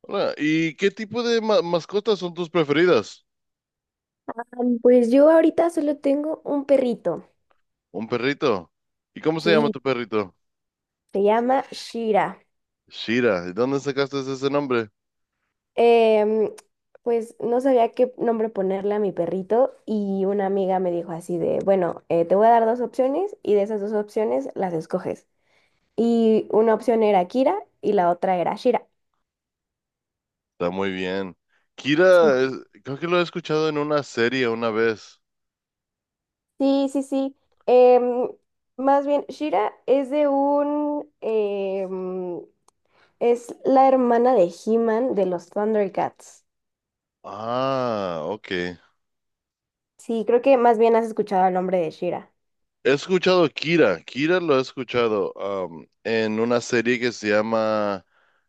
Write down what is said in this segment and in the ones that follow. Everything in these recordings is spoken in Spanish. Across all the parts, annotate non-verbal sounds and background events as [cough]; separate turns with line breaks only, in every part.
Hola, ¿y qué tipo de mascotas son tus preferidas?
Pues yo ahorita solo tengo un perrito,
Un perrito. ¿Y cómo se llama
sí,
tu perrito?
se llama Shira.
Shira. ¿De dónde sacaste ese nombre?
Em, pues no sabía qué nombre ponerle a mi perrito y una amiga me dijo así de, bueno, te voy a dar dos opciones y de esas dos opciones las escoges. Y una opción era Kira y la otra era Shira.
Está muy bien. Kira, es- Creo que lo he escuchado en una serie una vez.
Sí, sí, sí. Em, Más bien, Shira es de un, es la hermana de He-Man de los Thundercats.
Ah, ok.
Sí, creo que más bien has escuchado el nombre de Shira.
He escuchado Kira. Kira lo he escuchado en una serie que se llama,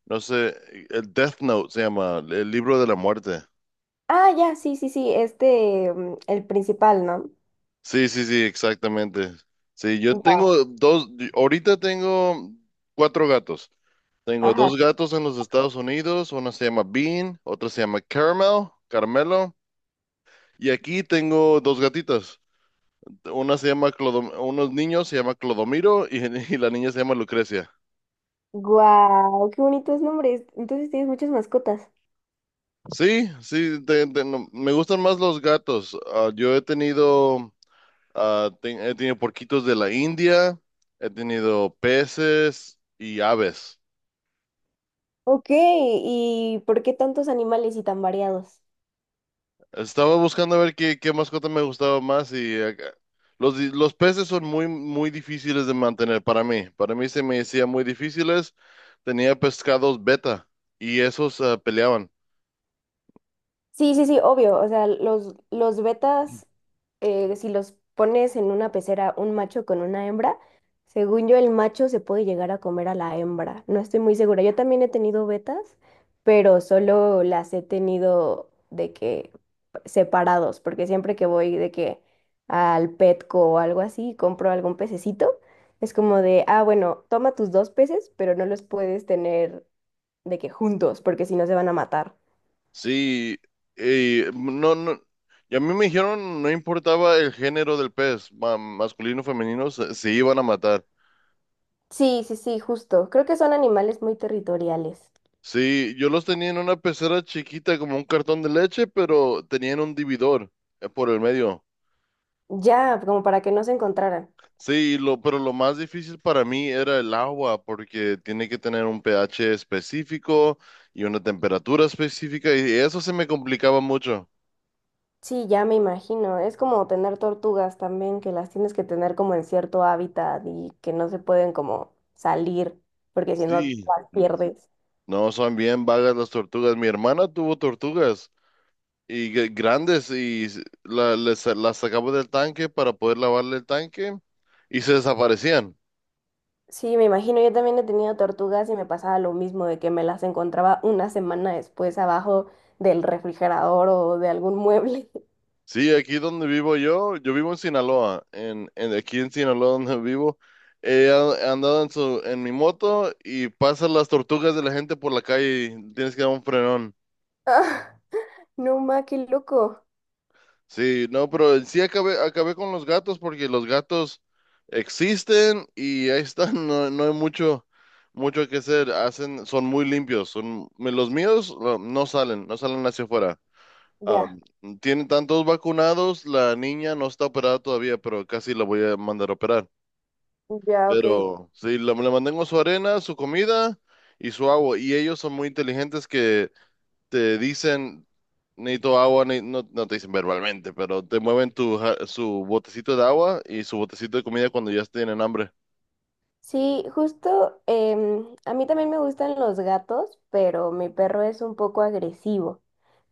no sé, el Death Note se llama, el libro de la muerte.
Ah, ya, sí, sí, sí, este, mm, el principal, ¿no?
Sí, sí, sí, exactamente. Sí, yo
Ya,
tengo dos, ahorita tengo cuatro gatos. Tengo dos
ajá.
gatos en los Estados Unidos, uno se llama Bean, otro se llama Caramel, Carmelo, y aquí tengo dos gatitas. Una unos niños se llama Clodomiro y, [laughs] y la niña se llama Lucrecia.
Guau, qué bonitos nombres. Entonces tienes muchas mascotas.
Sí, sí, no, me gustan más los gatos. Ah, yo he tenido, he tenido porquitos de la India, he tenido peces y aves.
Ok, ¿y por qué tantos animales y tan variados?
Estaba buscando a ver qué mascota me gustaba más los peces son muy difíciles de mantener para mí. Para mí se me decía muy difíciles. Tenía pescados beta y esos peleaban.
Sí, sí, sí, obvio. O sea, los betas, si los pones en una pecera un macho con una hembra, según yo el macho se puede llegar a comer a la hembra. No estoy muy segura. Yo también he tenido betas, pero solo las he tenido de que separados, porque siempre que voy de que al Petco o algo así, compro algún pececito, es como de, ah, bueno, toma tus dos peces, pero no los puedes tener de que juntos, porque si no se van a matar.
Sí, y no, no, y a mí me dijeron no importaba el género del pez, masculino o femenino, se iban a matar.
Sí, sí, sí, justo. Creo que son animales muy territoriales.
Sí, yo los tenía en una pecera chiquita como un cartón de leche, pero tenían un dividor por el medio.
Ya, como para que no se encontraran.
Sí, lo, pero lo más difícil para mí era el agua, porque tiene que tener un pH específico y una temperatura específica, y eso se me complicaba mucho.
Sí, ya me imagino. Es como tener tortugas también, que las tienes que tener como en cierto hábitat y que no se pueden como salir, porque si no
Sí.
las pierdes.
No, son bien vagas las tortugas. Mi hermana tuvo tortugas y grandes y las sacaba del tanque para poder lavarle el tanque y se desaparecían.
Sí, me imagino. Yo también he tenido tortugas y me pasaba lo mismo, de que me las encontraba una semana después abajo del refrigerador o de algún mueble. [laughs]
Sí, aquí donde vivo yo, yo vivo en Sinaloa, en aquí en Sinaloa donde vivo, andado en mi moto y pasan las tortugas de la gente por la calle y tienes que dar un frenón.
Ah, no, ma, qué loco.
Sí, no, pero sí acabé, acabé con los gatos porque los gatos existen y ahí están, [laughs] no, no hay mucho, mucho que hacer, hacen, son muy limpios, son, los míos no salen, no salen hacia afuera.
Ya,
Am, Tiene tantos vacunados, la niña no está operada todavía, pero casi la voy a mandar a operar.
ya, ok.
Pero sí, le mantengo su arena, su comida y su agua. Y ellos son muy inteligentes que te dicen, necesito agua, no, no te dicen verbalmente, pero te mueven su botecito de agua y su botecito de comida cuando ya tienen hambre.
Sí, justo, a mí también me gustan los gatos, pero mi perro es un poco agresivo.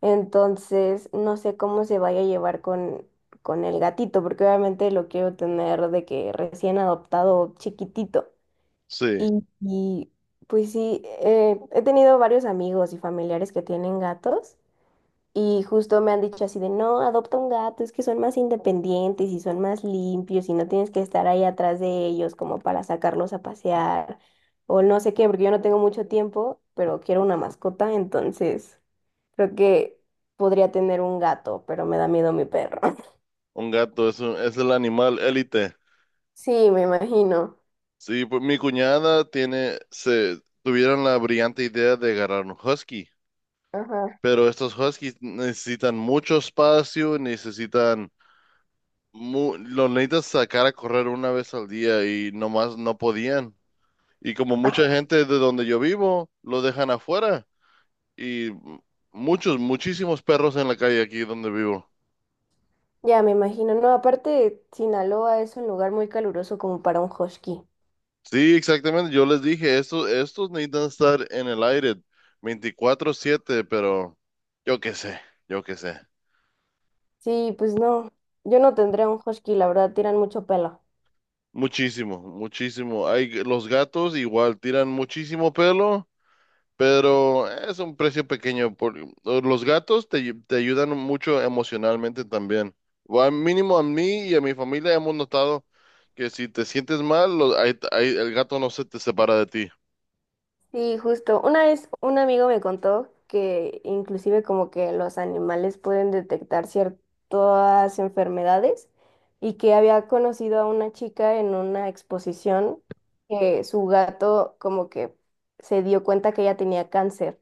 Entonces, no sé cómo se vaya a llevar con el gatito, porque obviamente lo quiero tener de que recién adoptado, chiquitito.
Sí,
Y, pues sí, he tenido varios amigos y familiares que tienen gatos y justo me han dicho así de, no, adopta un gato, es que son más independientes y son más limpios y no tienes que estar ahí atrás de ellos como para sacarlos a pasear o no sé qué, porque yo no tengo mucho tiempo, pero quiero una mascota, entonces creo que podría tener un gato, pero me da miedo mi perro. [laughs]
un gato es el animal élite.
Sí, me imagino.
Sí, pues mi cuñada tiene, se tuvieron la brillante idea de agarrar un husky.
Ajá.
Pero estos Huskies necesitan mucho espacio, necesitan, los necesitas sacar a correr una vez al día y nomás no podían. Y como
Ajá.
mucha gente de donde yo vivo, lo dejan afuera. Y muchos, muchísimos perros en la calle aquí donde vivo.
Ya, me imagino. No, aparte, Sinaloa es un lugar muy caluroso como para un husky.
Sí, exactamente. Yo les dije, estos necesitan estar en el aire 24/7. Pero yo qué sé, yo qué sé.
Sí, pues no, yo no tendría un husky, la verdad, tiran mucho pelo.
Muchísimo, muchísimo. Hay, los gatos igual tiran muchísimo pelo. Pero es un precio pequeño. Por, los gatos te ayudan mucho emocionalmente también. O al mínimo a mí y a mi familia hemos notado que si te sientes mal, ahí el gato no se te separa de ti.
Sí, justo. Una vez un amigo me contó que inclusive como que los animales pueden detectar ciertas enfermedades y que había conocido a una chica en una exposición que su gato como que se dio cuenta que ella tenía cáncer.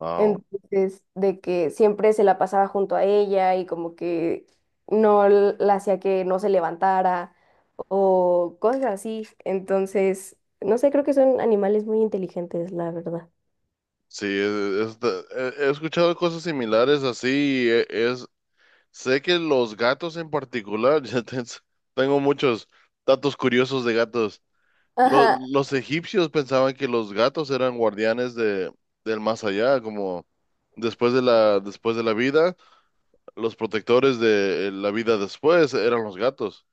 Wow.
Entonces, de que siempre se la pasaba junto a ella y como que no l- la hacía que no se levantara o cosas así. Entonces, no sé, creo que son animales muy inteligentes, la verdad.
Sí, he escuchado cosas similares así. Es, sé que los gatos en particular, [laughs] tengo muchos datos curiosos de gatos.
Ajá,
Los egipcios pensaban que los gatos eran guardianes de, del más allá, como después de la vida, los protectores de la vida después eran los gatos.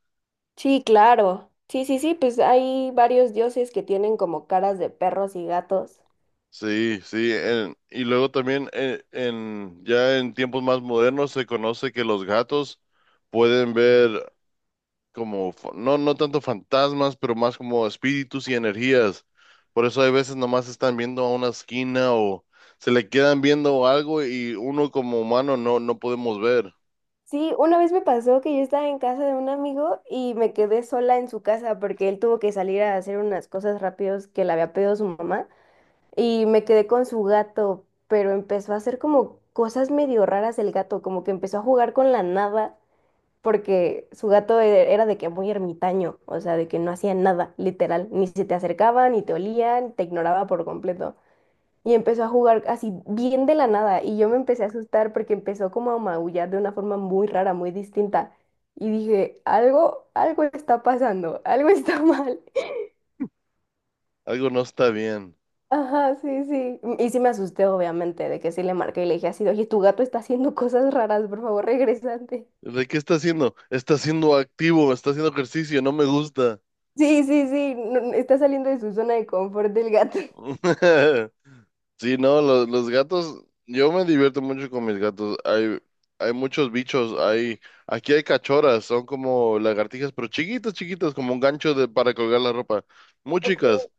sí, claro. Sí, sí, sí, pues hay varios dioses que tienen como caras de perros y gatos.
Sí, sí, y luego también en, ya en tiempos más modernos se conoce que los gatos pueden ver como, no, no tanto fantasmas, pero más como espíritus y energías. Por eso hay veces nomás están viendo a una esquina o se le quedan viendo algo y uno como humano no, no podemos ver.
Sí, una vez me pasó que yo estaba en casa de un amigo y me quedé sola en su casa porque él tuvo que salir a hacer unas cosas rápidos que le había pedido su mamá y me quedé con su gato, pero empezó a hacer como cosas medio raras el gato, como que empezó a jugar con la nada porque era de que muy ermitaño, o sea, de que no hacía nada, literal, ni se te acercaba, ni te olía, te ignoraba por completo. Y empezó a jugar así bien de la nada y yo me empecé a asustar porque empezó como a maullar de una forma muy rara, muy distinta. Y dije, algo, algo está pasando, algo está [laughs] mal.
Algo no está bien.
Ajá, sí, sí. Y sí me asusté, obviamente, de que sí le marqué y le dije así, de, oye, tu gato está haciendo [laughs] cosas raras, por favor, regresante.
¿De qué está haciendo? Está siendo activo, está haciendo ejercicio, no me gusta.
Sí, sí, sí, no, está saliendo de su zona de confort del gato. [laughs]
[laughs] Sí, no, los gatos, yo me divierto mucho con mis gatos. Hay muchos bichos, hay, aquí hay cachorras, son como lagartijas, pero chiquitas, chiquitas, como un gancho de, para colgar la ropa, muy
Ok,
chicas.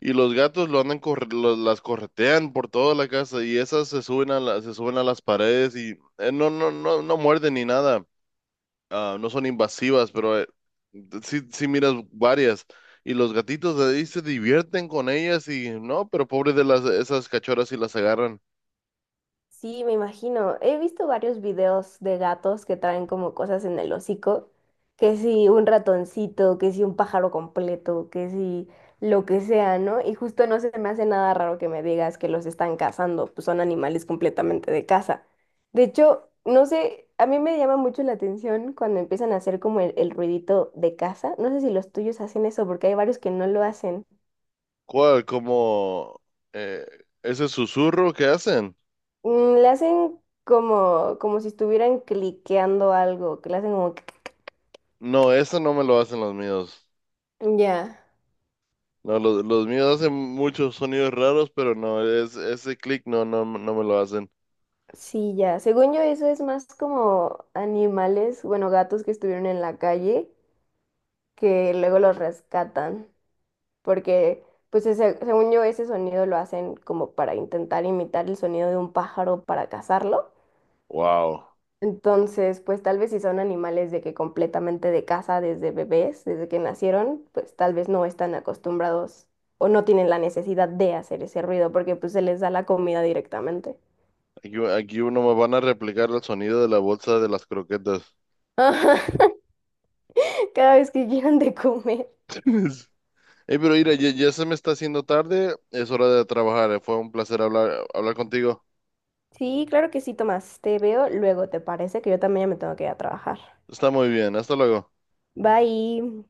Y los gatos lo andan corre- lo- las corretean por toda la casa y esas se suben se suben a las paredes y no, no, no, no muerden ni nada ah, no son invasivas, pero sí, sí miras varias. Y los gatitos ahí se divierten con ellas y no, pero pobres de las esas cachorras si las agarran.
sí, me imagino. He visto varios videos de gatos que traen como cosas en el hocico, que si un ratoncito, que si un pájaro completo, que si lo que sea, ¿no? Y justo no se me hace nada raro que me digas que los están cazando, pues son animales completamente de caza. De hecho, no sé, a mí me llama mucho la atención cuando empiezan a hacer como el ruidito de caza. No sé si los tuyos hacen eso, porque hay varios que no lo hacen.
¿Cuál? Como eh, ese susurro que hacen.
Mm, le hacen como, como si estuvieran cliqueando algo, que le hacen como...
No, eso no me lo hacen los míos.
Ya,
No, los míos hacen muchos sonidos raros, pero no, es, ese clic no, no, no me lo hacen.
sí, ya. Según yo, eso es más como animales, bueno, gatos que estuvieron en la calle, que luego los rescatan, porque, pues, según yo, ese sonido lo hacen como para intentar imitar el sonido de un pájaro para cazarlo.
Wow.
Entonces, pues tal vez si son animales de que completamente de casa desde bebés, desde que nacieron, pues tal vez no están acostumbrados o no tienen la necesidad de hacer ese ruido porque pues se les da la comida directamente.
Aquí, aquí uno me van a replicar el sonido de la bolsa de las croquetas.
[laughs] Cada vez que [laughs] quieran de comer.
[laughs] Hey, pero mira, ya, ya se me está haciendo tarde, es hora de trabajar. Eh. Fue un placer hablar, hablar contigo.
Sí, claro que sí, Tomás. Te veo luego, ¿te parece? Que yo también ya me tengo que ir a trabajar.
Está muy bien, hasta luego.
Bye.